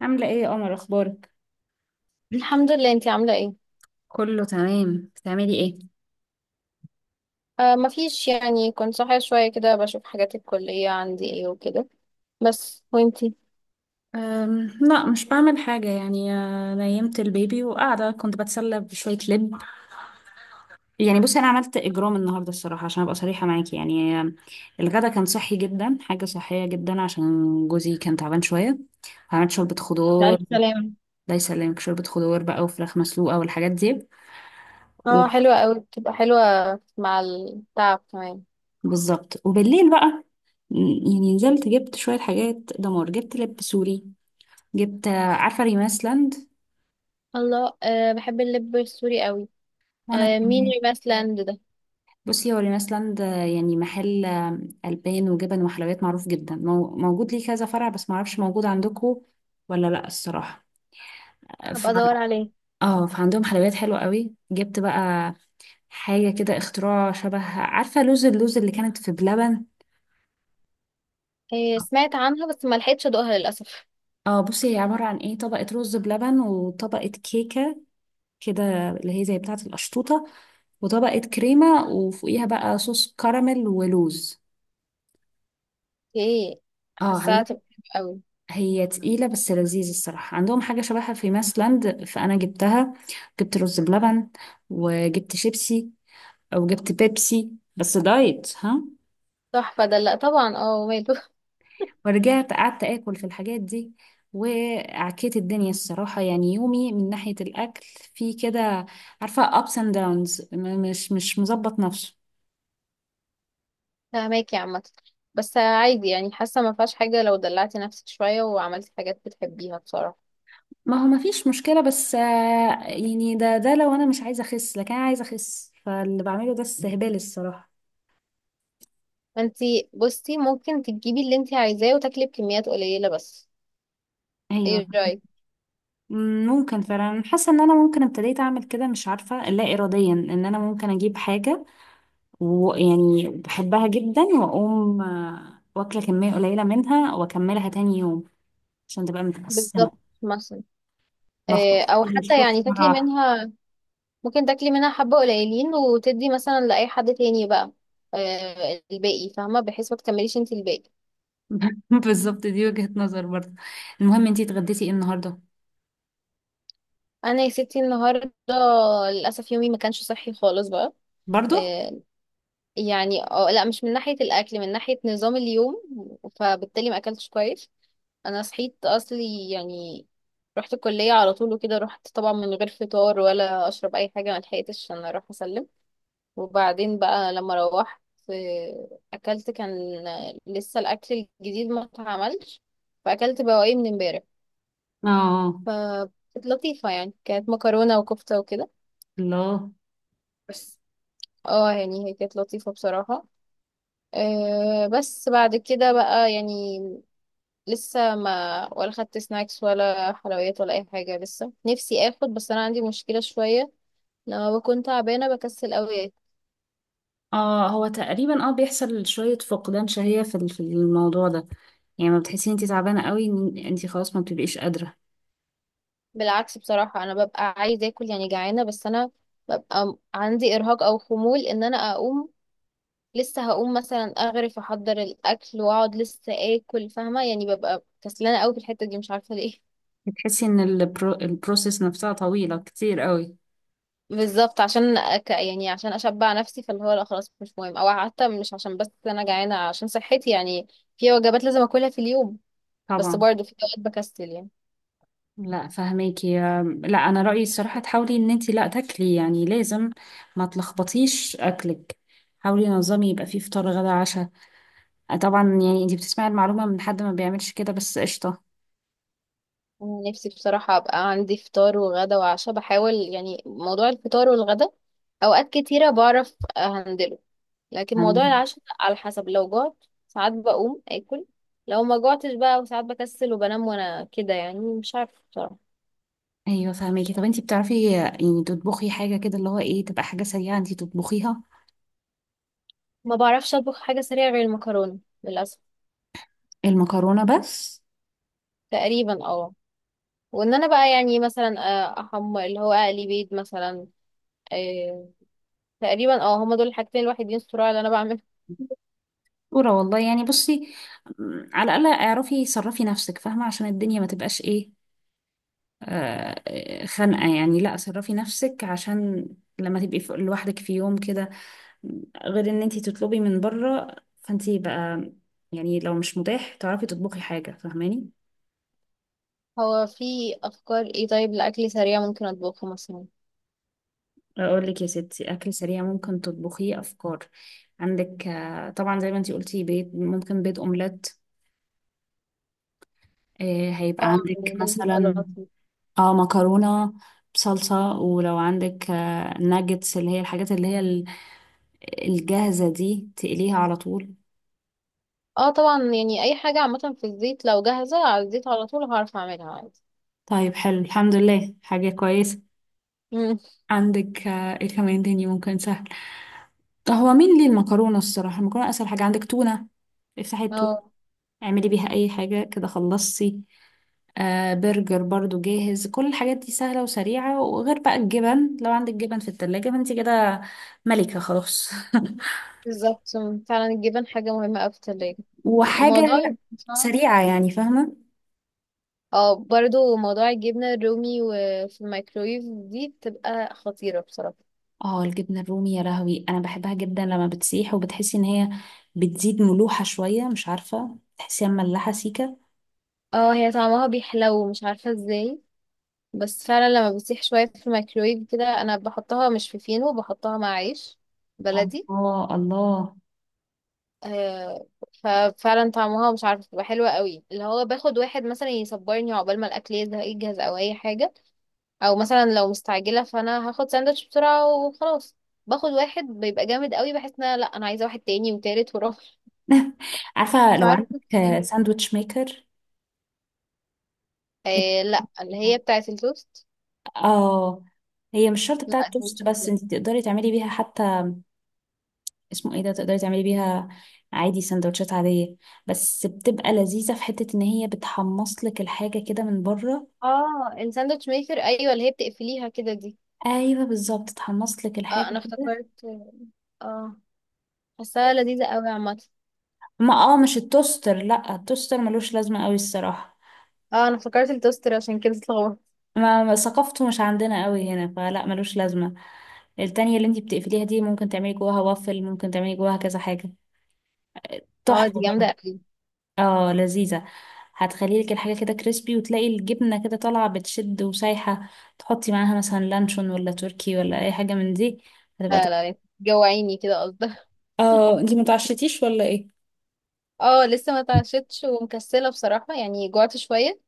عاملة ايه يا قمر، اخبارك؟ الحمد لله، انتي عاملة ايه؟ كله تمام، بتعملي ايه؟ آه، مفيش يعني. كنت صاحية شوية كده بشوف حاجات الكلية عندي ايه وكده. بس وانتي؟ لا، مش بعمل حاجة يعني. نيمت البيبي وقاعدة كنت بتسلى بشوية لب. يعني بصي، أنا عملت إجرام النهاردة الصراحة عشان أبقى صريحة معاكي يعني. الغدا كان صحي جدا، حاجة صحية جدا عشان جوزي كان تعبان شوية. عملت شوربة خضار. بألف سلامة. الله يسلمك. شوربة خضار بقى وفراخ مسلوقة والحاجات دي. و- اه حلوة اوي، بتبقى حلوة مع التعب كمان. بالظبط، وبالليل بقى، م، يعني نزلت جبت شوية حاجات دمار. جبت لب سوري، جبت عارفة ريماس لاند؟ الله، آه بحب اللب السوري اوي. وانا آه، مين كمان. ريماس لاند ده؟ بصي، هو ريناس لاند يعني محل البان وجبن وحلويات معروف جدا، موجود ليه كذا فرع، بس معرفش موجود عندكم ولا لا الصراحه. ف... هبقى ادور عليه. اه، فعندهم حلويات حلوه قوي. جبت بقى حاجه كده اختراع، شبه عارفه اللوز اللي كانت في بلبن. آه سمعت عنها بس ما لحقتش ادوقها للأسف. اه بصي، هي عباره عن ايه، طبقه رز بلبن وطبقه كيكه كده، اللي هي زي بتاعه القشطوطه، وطبقه كريمه وفوقيها بقى صوص كراميل ولوز. ايه، اه حاساها عندهم. تبقى حلوة اوي. هي تقيلة بس لذيذة الصراحة، عندهم حاجة شبهها في ماسلاند فأنا جبتها. جبت رز بلبن، وجبت شيبسي، أو جبت بيبسي بس دايت ها. تحفة ده، لا طبعا اه وماله. ورجعت قعدت آكل في الحاجات دي، وعكيت الدنيا الصراحة. يعني يومي من ناحية الأكل في كده، عارفة ups and downs، مش مظبط نفسه. فاهماكي عامة، بس عادي يعني، حاسة ما فيهاش حاجة لو دلعتي نفسك شوية وعملتي حاجات بتحبيها بصراحة. ما هو مفيش مشكلة، بس يعني ده لو أنا مش عايزة أخس، لكن أنا عايزة أخس، فاللي بعمله ده استهبال الصراحة. انتي بصي ممكن تجيبي اللي انتي عايزاه وتاكلي بكميات قليلة بس، أيوة. ايه رأيك؟ ممكن فعلا. أنا حاسه ان انا ممكن ابتديت اعمل كده، مش عارفه، لا اراديا، ان انا ممكن اجيب حاجه ويعني بحبها جدا واقوم واكله كميه قليله منها واكملها تاني يوم، عشان تبقى متقسمه، بالظبط، مثلا ما اخرجش او حتى الفرصه يعني مره تاكلي واحدة. منها. ممكن تاكلي منها حبة قليلين وتدي مثلا لأي حد تاني بقى الباقي، فاهمة، بحيث ما تكمليش انتي الباقي. بالظبط، دي وجهه نظر برضه. المهم، انتي اتغديتي ايه النهارده؟ انا يا ستي النهاردة للأسف يومي ما كانش صحي خالص بقى. برضه. آه، يعني اه لا، مش من ناحية الأكل، من ناحية نظام اليوم، فبالتالي ما أكلتش كويس. أنا صحيت أصلي يعني رحت الكلية على طول وكده، رحت طبعا من غير فطار ولا أشرب أي حاجة، ما لحقتش عشان أروح أسلم. وبعدين بقى لما روحت، أكلت. كان لسه الأكل الجديد ما اتعملش، فأكلت بواقي من امبارح، اه. فكانت لطيفة يعني. كانت مكرونة وكفتة وكده الله. بس. اه يعني هي كانت لطيفة بصراحة. أه بس بعد كده بقى يعني، لسه ما ولا خدت سناكس ولا حلويات ولا اي حاجه. لسه نفسي اخد بس انا عندي مشكله شويه، لما بكون تعبانه بكسل قوي اكل. اه. هو تقريبا بيحصل شويه فقدان شهيه في في الموضوع ده. يعني ما بتحسي انتي تعبانه قوي، إن انتي خلاص ما بتبقيش قادره. بالعكس بصراحه، انا ببقى عايزه اكل يعني، جعانه، بس انا ببقى عندي ارهاق او خمول ان انا اقوم. لسه هقوم مثلا اغرف احضر الاكل واقعد لسه اكل، فاهمه يعني. ببقى كسلانه قوي في الحته دي، مش عارفه ليه. بتحسي ان البروسيس نفسها طويلة كتير قوي. بالظبط، عشان يعني عشان اشبع نفسي، فاللي هو لا خلاص مش مهم. او حتى مش عشان بس انا جعانه، عشان صحتي يعني في وجبات لازم اكلها في اليوم. بس طبعا. برضه في اوقات بكسل يعني. لا فهماكي. لا، انا رأيي الصراحة تحاولي ان انتي لا تاكلي، يعني لازم ما تلخبطيش اكلك. حاولي نظامي يبقى فيه فطار غدا عشاء. طبعا يعني انتي بتسمعي المعلومة من حد ما بيعملش كده، بس قشطة. أنا نفسي بصراحة أبقى عندي فطار وغدا وعشاء. بحاول يعني، موضوع الفطار والغدا أوقات كتيرة بعرف أهندله، لكن موضوع فهماكي. العشاء على حسب، لو جعت ساعات بقوم آكل، لو ما جعتش بقى وساعات بكسل وبنام. وأنا كده يعني مش عارفة بصراحة. ايوه فهماكي. طب انتي بتعرفي يعني تطبخي حاجة كده، اللي هو ايه، تبقى حاجة سريعة انتي تطبخيها؟ ما بعرفش أطبخ حاجة سريعة غير المكرونة للأسف. المكرونة بس. تقريبا اه، وإن أنا بقى يعني مثلا أحمر، اللي هو أقلي بيض مثلا. آه، تقريبا اه، هما دول الحاجتين الوحيدين الصراع اللي أنا بعمل. ورا والله. يعني بصي، على الأقل اعرفي صرفي نفسك، فاهمة؟ عشان الدنيا ما تبقاش ايه، خنقة يعني. لا صرفي نفسك عشان لما تبقي لوحدك في يوم كده، غير ان انتي تطلبي من بره. فانتي بقى، يعني لو مش متاح تعرفي تطبخي حاجة، فاهماني؟ هو في افكار ايه طيب لاكل سريع ممكن اطبخه مثلا؟ اقول لك يا ستي، اكل سريع ممكن تطبخيه، افكار عندك طبعا. زي ما انتي قلتي، بيض، ممكن بيض اومليت، هيبقى اه عندك يعني ده بيبقى مثلا لطيف. اه مكرونة بصلصة، ولو عندك ناجتس، اللي هي الحاجات، اللي هي الجاهزة دي تقليها على طول. اه طبعا، يعني اي حاجه عامه في الزيت، لو جاهزه على الزيت على طول هعرف اعملها عادي. طيب، حلو الحمد لله، حاجة كويسة. مم. عندك ايه كمان تاني ممكن سهل؟ هو مين ليه، المكرونة الصراحة. المكرونة أسهل حاجة. عندك تونة، افتحي التونة، اه اعملي بيها أي حاجة كده، خلصتي. برجر برضو جاهز. كل الحاجات دي سهلة وسريعة، وغير بقى الجبن، لو عندك جبن في التلاجة فانت كده ملكة خلاص. بالظبط. مم. فعلا الجبن حاجه مهمه قوي في التلاجة، الموضوع وحاجة يبقى صعب. سريعة يعني، فاهمة؟ اه برضو موضوع الجبنه الرومي وفي الميكرويف دي بتبقى خطيره بصراحه. اه، الجبنة الرومي يا لهوي، انا بحبها جدا لما بتسيح وبتحسي ان هي بتزيد ملوحة شوية، مش عارفة، تحسيها مملحة سيكة. اه هي طعمها بيحلو مش عارفه ازاي. بس فعلا لما بتسيح شويه في الميكرويف كده، انا بحطها مش في فينو، بحطها مع عيش بلدي. الله الله. آه، ففعلا طعمها مش عارفه بتبقى حلوه قوي. اللي هو باخد واحد مثلا يصبرني عقبال ما الاكل يزهق يجهز او اي حاجه. او مثلا لو مستعجله فانا هاخد ساندوتش بسرعه وخلاص. باخد واحد بيبقى جامد قوي، بحس ان أنا لا انا عايزه واحد تاني وتالت ورابع. عارفة مش لو عارفه عندك إيه. ساندويتش ميكر؟ آه لا، اللي هي بتاعه التوست. اه، هي مش شرط لا بتاعة دي توست، مش بس موجودة. انت تقدري تعملي بيها حتى، اسمه ايه ده، تقدري تعملي بيها عادي سندوتشات عادية، بس بتبقى لذيذة في حتة ان هي بتحمص لك الحاجة كده من بره. اه الساندوتش ميكر، ايوه اللي هي بتقفليها كده دي. ايوه بالظبط، تحمص لك اه الحاجة انا كده. افتكرت. اه حاساها لذيذه قوي عامه. ما مش التوستر. لا، التوستر ملوش لازمة قوي الصراحة. اه انا افتكرت التوستر عشان كده اتلخبطت. ثقافته مش عندنا قوي هنا، فلا ملوش لازمة. التانية اللي انتي بتقفليها دي، ممكن تعملي جواها وافل، ممكن تعملي جواها كذا حاجة، اه تحفة دي جامده برضه. قوي. اه لذيذة. هتخلي لك الحاجة كده كريسبي، وتلاقي الجبنة كده طالعة بتشد وسايحة. تحطي معاها مثلا لانشون، ولا تركي، ولا أي حاجة من دي، هتبقى لا تحفة. لا، انت جوعيني كده قصدك. اه، انتي متعشتيش ولا ايه؟ اه لسه ما اتعشتش ومكسله بصراحه، يعني جوعت شويه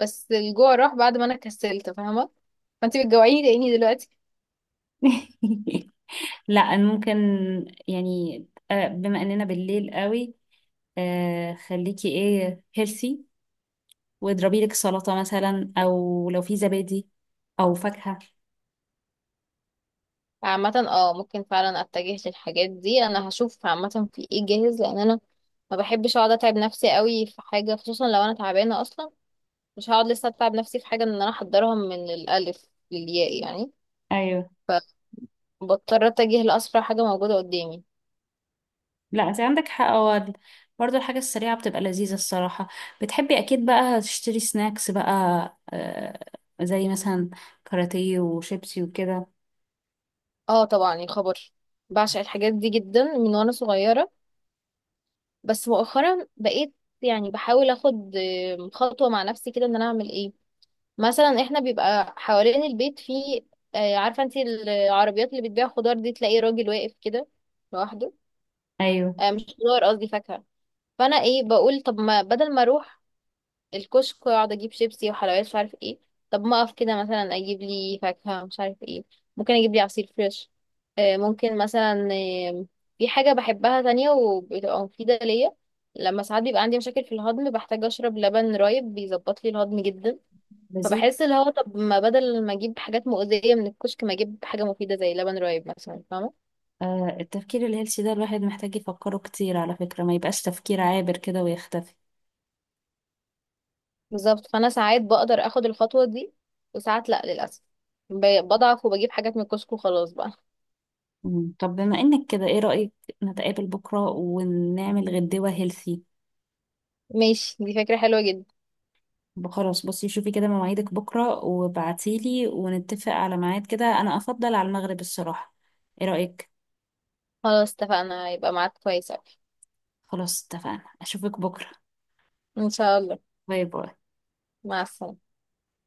بس الجوع راح بعد ما انا كسلت، فاهمه، فانت بتجوعيني لاني دلوقتي. لا ممكن. يعني بما اننا بالليل قوي، خليكي ايه، هيلثي، واضربي لك سلطة مثلا، او لو في زبادي او فاكهة. عامه اه، ممكن فعلا اتجه للحاجات دي. انا هشوف عامه في ايه جاهز، لان انا ما بحبش اقعد اتعب نفسي قوي في حاجه، خصوصا لو انا تعبانه اصلا. مش هقعد لسه اتعب نفسي في حاجه ان انا احضرها من الالف للياء يعني، ايوه. فبضطر اتجه لاسرع حاجه موجوده قدامي. لا انت عندك حق. هو برضه الحاجة السريعة بتبقى لذيذة الصراحة. بتحبي اكيد بقى تشتري سناكس بقى، آه زي مثلا كاراتيه وشيبسي وكده. اه طبعا الخبر، بعشق الحاجات دي جدا من وانا صغيره. بس مؤخرا بقيت يعني بحاول اخد خطوة مع نفسي كده ان انا اعمل ايه. مثلا احنا بيبقى حوالين البيت في عارفة انت العربيات اللي بتبيع خضار دي، تلاقي راجل واقف كده لوحده. ايوه مش خضار قصدي، فاكهة. فانا ايه بقول طب ما بدل ما اروح الكشك واقعد اجيب شيبسي وحلويات مش عارف ايه، طب ما اقف كده مثلا اجيب لي فاكهة مش عارف ايه. ممكن اجيب لي عصير فريش، ممكن مثلا. آه، في حاجة بحبها تانية وبتبقى مفيدة ليا، لما ساعات بيبقى عندي مشاكل في الهضم بحتاج اشرب لبن رايب، بيظبط لي الهضم جدا. لذيذ. فبحس اللي هو طب ما بدل ما اجيب حاجات مؤذية من الكشك، ما اجيب حاجة مفيدة زي لبن رايب مثلا، فاهمة. التفكير الهيلثي ده، الواحد محتاج يفكره كتير على فكرة، ما يبقاش تفكير عابر كده ويختفي. بالظبط، فانا ساعات بقدر اخد الخطوة دي وساعات لا للأسف. بضعف وبجيب حاجات من الكشك وخلاص بقى. مم. طب بما انك كده، ايه رأيك نتقابل بكرة ونعمل غدوة هيلثي؟ ماشي، دي فكرة حلوة جدا. خلاص بصي، شوفي كده مواعيدك بكرة وبعتيلي ونتفق على ميعاد كده، أنا أفضل على المغرب الصراحة. إيه رأيك؟ خلاص اتفقنا، يبقى معاك كويس أوي. خلاص اتفقنا. أشوفك بكرة. ان شاء الله. باي باي. مع السلامة.